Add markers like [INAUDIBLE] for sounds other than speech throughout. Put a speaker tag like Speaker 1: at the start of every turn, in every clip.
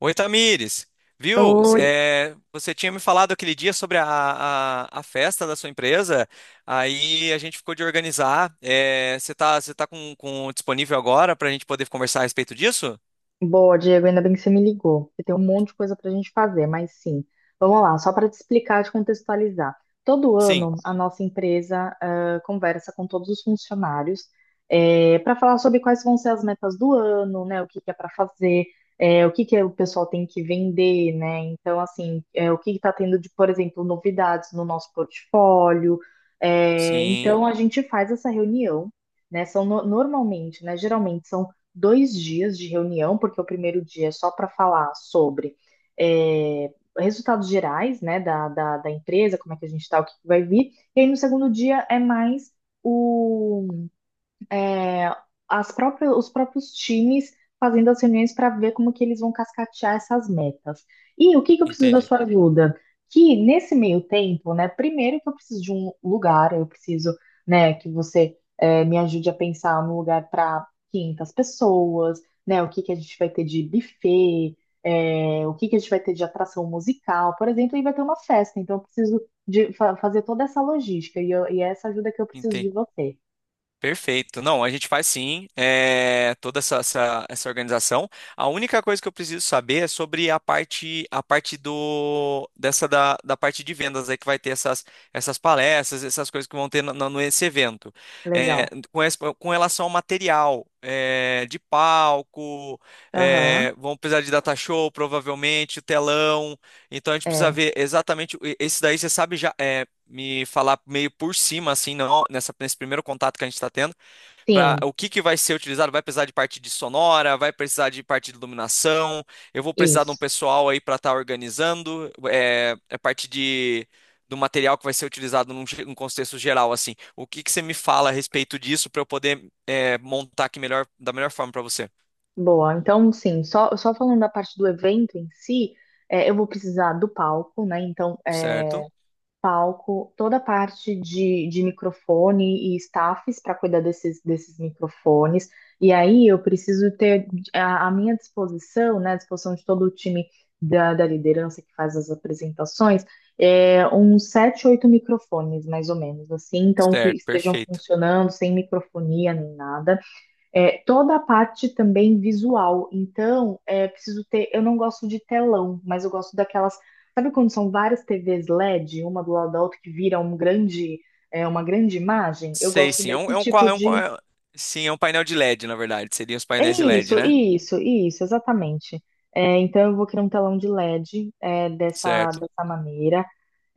Speaker 1: Oi, Tamires. Viu?
Speaker 2: Oi,
Speaker 1: Você tinha me falado aquele dia sobre a festa da sua empresa, aí a gente ficou de organizar. Você tá com disponível agora para a gente poder conversar a respeito disso?
Speaker 2: boa, Diego. Ainda bem que você me ligou. Você tem um monte de coisa para a gente fazer, mas sim. Vamos lá, só para te explicar, te contextualizar. Todo
Speaker 1: Sim,
Speaker 2: ano, a nossa empresa conversa com todos os funcionários para falar sobre quais vão ser as metas do ano, né? O que que é para fazer, o que que o pessoal tem que vender, né? Então, assim, o que está tendo de, por exemplo, novidades no nosso portfólio.
Speaker 1: sim,
Speaker 2: Então, a gente faz essa reunião, né, são normalmente, né, geralmente são dois dias de reunião, porque o primeiro dia é só para falar sobre, é, resultados gerais, né, da empresa, como é que a gente está, o que que vai vir. E aí no segundo dia é mais o, é, as próprias, os próprios times fazendo as reuniões para ver como que eles vão cascatear essas metas. E o que que eu preciso da
Speaker 1: entendi.
Speaker 2: sua ajuda? Que nesse meio tempo, né, primeiro que eu preciso de um lugar, eu preciso, né, que você me ajude a pensar num lugar para 500 pessoas, né, o que que a gente vai ter de buffet, o que que a gente vai ter de atração musical, por exemplo, aí vai ter uma festa, então eu preciso de fazer toda essa logística e, e é essa ajuda que eu preciso
Speaker 1: Entendi.
Speaker 2: de você.
Speaker 1: Perfeito. Não, a gente faz sim, toda essa organização. A única coisa que eu preciso saber é sobre a parte do dessa da, da parte de vendas aí que vai ter essas palestras, essas coisas que vão ter no nesse evento. É,
Speaker 2: Legal.
Speaker 1: com, com relação ao material de palco,
Speaker 2: Aham.
Speaker 1: vão precisar de data show, provavelmente, o telão. Então a gente precisa
Speaker 2: É,
Speaker 1: ver exatamente esse daí você sabe já. Me falar meio por cima, assim, não, nesse primeiro contato que a gente está tendo, para
Speaker 2: sim,
Speaker 1: o que que vai ser utilizado? Vai precisar de parte de sonora, vai precisar de parte de iluminação, eu vou precisar de um
Speaker 2: isso.
Speaker 1: pessoal aí para estar organizando, é parte de do material que vai ser utilizado num, num contexto geral, assim. O que que você me fala a respeito disso para eu poder montar aqui melhor, da melhor forma para você?
Speaker 2: Boa. Então, sim, só, só falando da parte do evento em si, é, eu vou precisar do palco, né? Então, é,
Speaker 1: Certo?
Speaker 2: palco, toda a parte de microfone e staffs para cuidar desses, desses microfones. E aí eu preciso ter a minha disposição, né? A disposição de todo o time da, da liderança que faz as apresentações, é, uns sete, oito microfones, mais ou menos, assim, então que
Speaker 1: Certo,
Speaker 2: estejam
Speaker 1: perfeito.
Speaker 2: funcionando sem microfonia nem nada. É, toda a parte também visual. Então, é preciso ter. Eu não gosto de telão, mas eu gosto daquelas. Sabe quando são várias TVs LED, uma do lado da outra, que vira um grande, é, uma grande imagem? Eu
Speaker 1: Sei,
Speaker 2: gosto
Speaker 1: sim,
Speaker 2: desse
Speaker 1: é um,
Speaker 2: tipo
Speaker 1: qua- é um
Speaker 2: de.
Speaker 1: qua- é, sim, é um painel de LED, na verdade, seriam os
Speaker 2: É
Speaker 1: painéis de LED,
Speaker 2: isso,
Speaker 1: né?
Speaker 2: isso, isso, exatamente. É, então, eu vou criar um telão de LED, é, dessa,
Speaker 1: Certo.
Speaker 2: dessa maneira.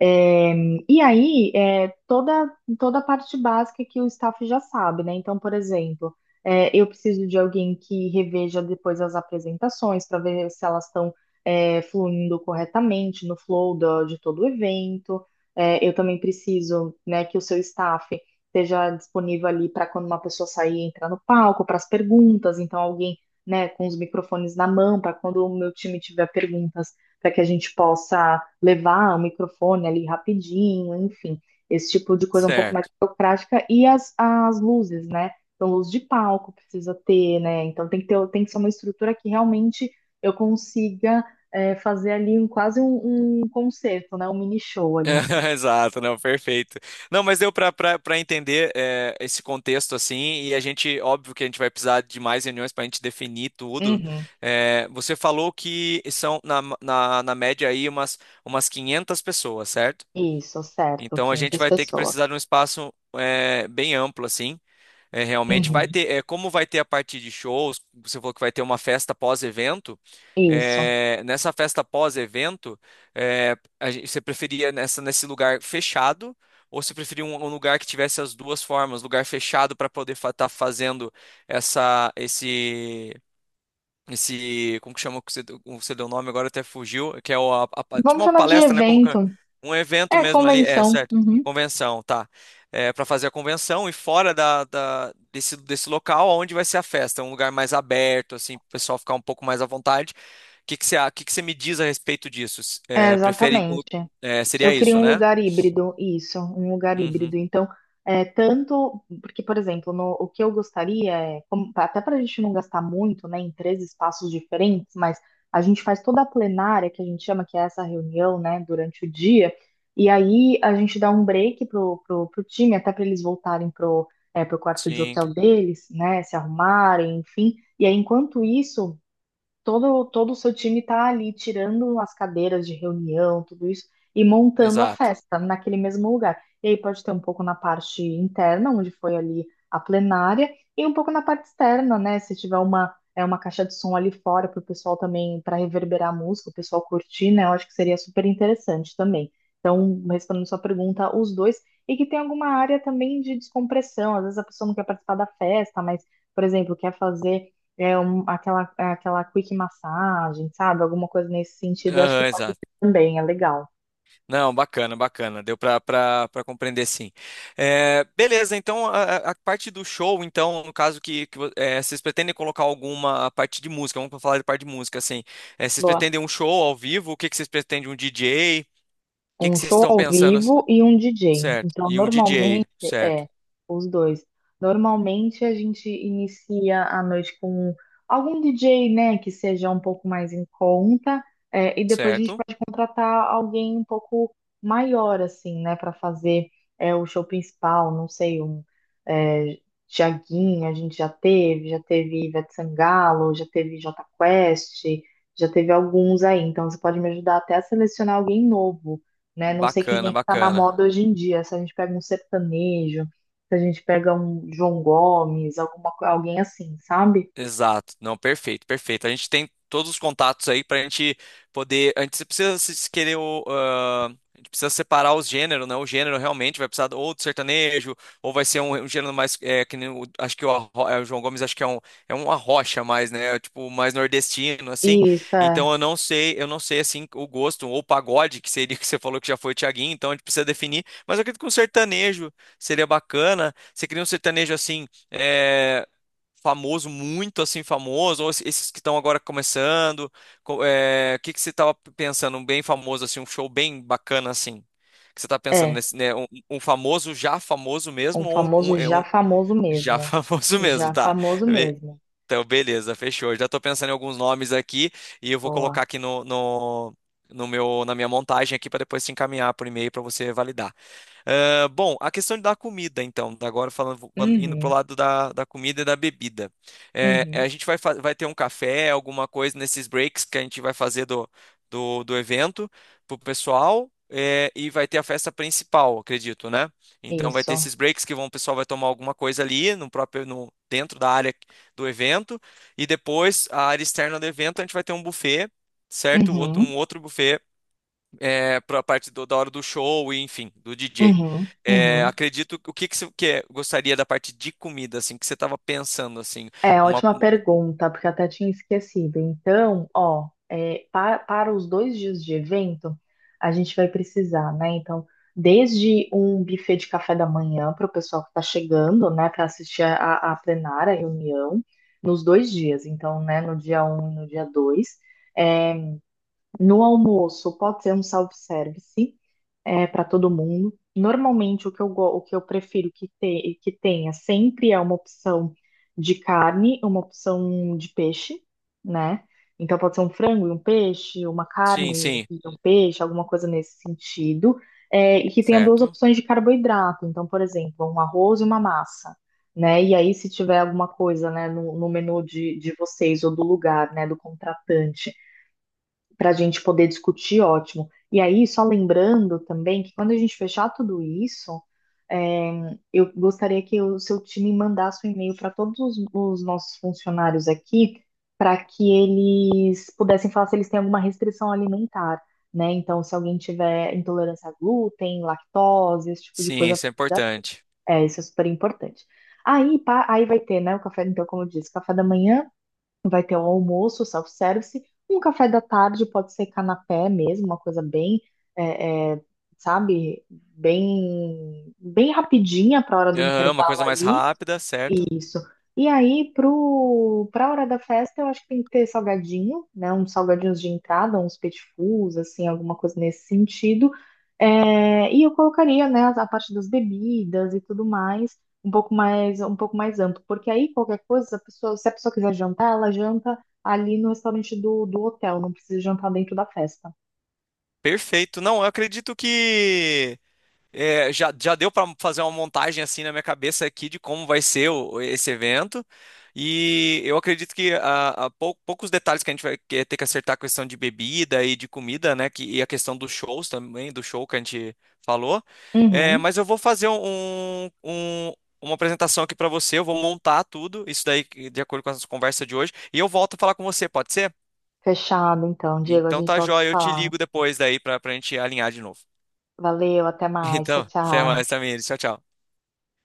Speaker 2: É, e aí, é, toda, toda a parte básica que o staff já sabe, né? Então, por exemplo, é, eu preciso de alguém que reveja depois as apresentações para ver se elas estão, é, fluindo corretamente no flow de todo o evento. É, eu também preciso, né, que o seu staff esteja disponível ali para quando uma pessoa sair e entrar no palco, para as perguntas. Então, alguém, né, com os microfones na mão, para quando o meu time tiver perguntas, para que a gente possa levar o microfone ali rapidinho, enfim, esse tipo de coisa um pouco mais
Speaker 1: Certo.
Speaker 2: burocrática. E as luzes, né? Então, luz de palco precisa ter, né? Então, tem que ter, tem que ser uma estrutura que realmente eu consiga, é, fazer ali um, quase um, um concerto, né? Um mini show ali em si.
Speaker 1: [LAUGHS] Exato, não, perfeito. Não, mas deu para para entender esse contexto assim, e a gente, óbvio que a gente vai precisar de mais reuniões para a gente definir tudo.
Speaker 2: Uhum.
Speaker 1: É, você falou que são na média aí umas 500 pessoas, certo?
Speaker 2: Isso, certo,
Speaker 1: Então a gente
Speaker 2: 500
Speaker 1: vai ter que
Speaker 2: pessoas.
Speaker 1: precisar de um espaço bem amplo assim. É, realmente vai
Speaker 2: Uhum.
Speaker 1: ter, é, como vai ter a partir de shows, você falou que vai ter uma festa pós-evento.
Speaker 2: Isso.
Speaker 1: Nessa festa pós-evento, você preferia nesse lugar fechado ou você preferia um, um lugar que tivesse as duas formas, lugar fechado para poder estar fazendo esse esse, como que chama o que você, o que você deu o nome agora até fugiu, que é o, a, tipo
Speaker 2: Vamos
Speaker 1: uma
Speaker 2: chamar de
Speaker 1: palestra, né, como que é?
Speaker 2: evento.
Speaker 1: Um evento
Speaker 2: É,
Speaker 1: mesmo ali, é,
Speaker 2: convenção.
Speaker 1: certo,
Speaker 2: Uhum.
Speaker 1: convenção, tá, é, para fazer a convenção e fora da desse, desse local onde vai ser a festa, um lugar mais aberto, assim, pro pessoal ficar um pouco mais à vontade, o que que você, que você me diz a respeito disso?
Speaker 2: É,
Speaker 1: É, prefere,
Speaker 2: exatamente.
Speaker 1: é, seria
Speaker 2: Eu queria
Speaker 1: isso,
Speaker 2: um
Speaker 1: né?
Speaker 2: lugar híbrido, isso, um lugar
Speaker 1: Uhum,
Speaker 2: híbrido. Então, é, tanto, porque, por exemplo, o que eu gostaria é, como, até para a gente não gastar muito, né, em três espaços diferentes, mas a gente faz toda a plenária, que a gente chama, que é essa reunião, né, durante o dia, e aí a gente dá um break pro time, até para eles voltarem pro, é, pro quarto de
Speaker 1: sim,
Speaker 2: hotel deles, né, se arrumarem, enfim. E aí, enquanto isso todo o seu time está ali tirando as cadeiras de reunião, tudo isso, e montando a
Speaker 1: exato.
Speaker 2: festa naquele mesmo lugar. E aí pode ter um pouco na parte interna, onde foi ali a plenária, e um pouco na parte externa, né? Se tiver uma, é, uma caixa de som ali fora para o pessoal também, para reverberar a música, o pessoal curtir, né? Eu acho que seria super interessante também. Então, respondendo sua pergunta, os dois, e que tem alguma área também de descompressão. Às vezes a pessoa não quer participar da festa, mas, por exemplo, quer fazer aquela, é, aquela quick massagem, sabe? Alguma coisa nesse sentido, eu acho que
Speaker 1: Aham,
Speaker 2: pode
Speaker 1: exato.
Speaker 2: ser também, é legal.
Speaker 1: Não, bacana, bacana. Deu para para compreender sim. É, beleza, então a parte do show, então, no caso que, é, vocês pretendem colocar alguma parte de música, vamos falar de parte de música, assim. É, vocês
Speaker 2: Gosto.
Speaker 1: pretendem um show ao vivo? O que, que vocês pretendem? Um DJ? O que,
Speaker 2: Um
Speaker 1: que vocês
Speaker 2: show
Speaker 1: estão
Speaker 2: ao
Speaker 1: pensando?
Speaker 2: vivo e um DJ.
Speaker 1: Certo.
Speaker 2: Então,
Speaker 1: E um DJ,
Speaker 2: normalmente,
Speaker 1: certo,
Speaker 2: é, os dois. Normalmente a gente inicia a noite com algum DJ, né, que seja um pouco mais em conta, é, e depois a gente
Speaker 1: certo.
Speaker 2: pode contratar alguém um pouco maior, assim, né, para fazer, é, o show principal. Não sei, um, é, Tiaguinho, a gente já teve Ivete Sangalo, já teve Jota Quest, já teve alguns aí. Então, você pode me ajudar até a selecionar alguém novo, né? Não sei quem
Speaker 1: Bacana,
Speaker 2: é que tá na
Speaker 1: bacana.
Speaker 2: moda hoje em dia. Se a gente pega um sertanejo, se a gente pega um João Gomes, alguma, alguém assim, sabe?
Speaker 1: Exato. Não, perfeito, perfeito. A gente tem todos os contatos aí pra gente poder. A gente precisa se se querer o. A gente precisa separar os gêneros, né? O gênero realmente vai precisar ou do sertanejo, ou vai ser um, um gênero mais. É, que nem acho que o, é, o João Gomes acho que é um arrocha mais, né? Tipo, mais nordestino, assim.
Speaker 2: E isso é,
Speaker 1: Então eu não sei assim o gosto, ou pagode, que seria que você falou que já foi o Thiaguinho, então a gente precisa definir. Mas eu acredito que um sertanejo seria bacana. Você cria um sertanejo assim. Famoso, muito assim famoso, ou esses que estão agora começando? O que que você estava pensando, um bem famoso assim, um show bem bacana assim? O que você está pensando
Speaker 2: é
Speaker 1: nesse, né, um famoso já famoso
Speaker 2: um
Speaker 1: mesmo ou um,
Speaker 2: famoso
Speaker 1: é
Speaker 2: já
Speaker 1: um
Speaker 2: famoso
Speaker 1: já [LAUGHS]
Speaker 2: mesmo.
Speaker 1: famoso mesmo,
Speaker 2: Já
Speaker 1: tá?
Speaker 2: famoso
Speaker 1: Be-
Speaker 2: mesmo.
Speaker 1: Então, beleza, fechou. Eu já estou pensando em alguns nomes aqui e eu vou colocar
Speaker 2: Boa.
Speaker 1: aqui no meu, na minha montagem aqui para depois te encaminhar por e-mail para você validar. Ah, bom, a questão da comida, então, agora falando, indo pro
Speaker 2: Uhum,
Speaker 1: lado da, da comida e da bebida. É,
Speaker 2: uhum.
Speaker 1: a gente vai, vai ter um café, alguma coisa nesses breaks que a gente vai fazer do evento pro pessoal, é, e vai ter a festa principal, acredito, né? Então vai ter
Speaker 2: Isso.
Speaker 1: esses breaks que vão, o pessoal vai tomar alguma coisa ali no próprio, no, dentro da área do evento, e depois a área externa do evento a gente vai ter um buffet, certo? Outro,
Speaker 2: Uhum,
Speaker 1: um outro buffet para a parte da hora do show e enfim, do DJ.
Speaker 2: uhum,
Speaker 1: É,
Speaker 2: uhum.
Speaker 1: acredito, o que que você gostaria da parte de comida, assim, que você estava pensando, assim,
Speaker 2: É,
Speaker 1: uma,
Speaker 2: ótima
Speaker 1: uma-
Speaker 2: pergunta, porque eu até tinha esquecido. Então, ó, é, para, os dois dias de evento, a gente vai precisar, né? Então, desde um buffet de café da manhã para o pessoal que está chegando, né, para assistir a plenária, a reunião, nos dois dias. Então, né, no dia um e no dia 2. No almoço, pode ser um self-service, para todo mundo. Normalmente, o que eu, o que eu prefiro que, que tenha sempre é uma opção de carne, uma opção de peixe, né? Então, pode ser um frango e um peixe, uma
Speaker 1: sim,
Speaker 2: carne
Speaker 1: sim,
Speaker 2: e um peixe, alguma coisa nesse sentido. É, e que tenha duas
Speaker 1: certo?
Speaker 2: opções de carboidrato. Então, por exemplo, um arroz e uma massa. Né? E aí, se tiver alguma coisa, né, no, no menu de vocês ou do lugar, né, do contratante, para a gente poder discutir, ótimo. E aí, só lembrando também que, quando a gente fechar tudo isso, é, eu gostaria que o seu time mandasse um e-mail para todos os nossos funcionários aqui, para que eles pudessem falar se eles têm alguma restrição alimentar, né? Então, se alguém tiver intolerância a glúten, lactose, esse tipo de
Speaker 1: Sim,
Speaker 2: coisa,
Speaker 1: isso é importante.
Speaker 2: é, isso é super importante. Aí, pá, aí vai ter, né, o café, então, como eu disse, café da manhã, vai ter o almoço, o self-service, um café da tarde, pode ser canapé mesmo, uma coisa bem, é, é, sabe, bem, bem rapidinha para a hora do
Speaker 1: Aham, uma
Speaker 2: intervalo
Speaker 1: coisa mais
Speaker 2: ali.
Speaker 1: rápida, certo?
Speaker 2: E aí, pro, para a hora da festa, eu acho que tem que ter salgadinho, né? Uns salgadinhos de entrada, uns petit fours, assim, alguma coisa nesse sentido. É, e eu colocaria, né, a parte das bebidas e tudo mais, um pouco mais, um pouco mais amplo, porque aí qualquer coisa, a pessoa, se a pessoa quiser jantar, ela janta ali no restaurante do, do hotel, não precisa jantar dentro da festa.
Speaker 1: Perfeito. Não, eu acredito que é, já, já deu para fazer uma montagem assim na minha cabeça aqui de como vai ser esse evento. E eu acredito que poucos detalhes que a gente ter que acertar a questão de bebida e de comida, né? Que, e a questão dos shows também, do show que a gente falou. É,
Speaker 2: Uhum.
Speaker 1: mas eu vou fazer um, uma apresentação aqui para você, eu vou montar tudo, isso daí de acordo com a nossa conversa de hoje, e eu volto a falar com você, pode ser?
Speaker 2: Fechado, então, Diego, a
Speaker 1: Então
Speaker 2: gente
Speaker 1: tá,
Speaker 2: volta a
Speaker 1: joia,
Speaker 2: se
Speaker 1: eu te
Speaker 2: falar.
Speaker 1: ligo depois daí para a gente alinhar de novo.
Speaker 2: Valeu, até
Speaker 1: [LAUGHS]
Speaker 2: mais, tchau,
Speaker 1: Então, até
Speaker 2: tchau.
Speaker 1: mais, Samir. Tchau, tchau.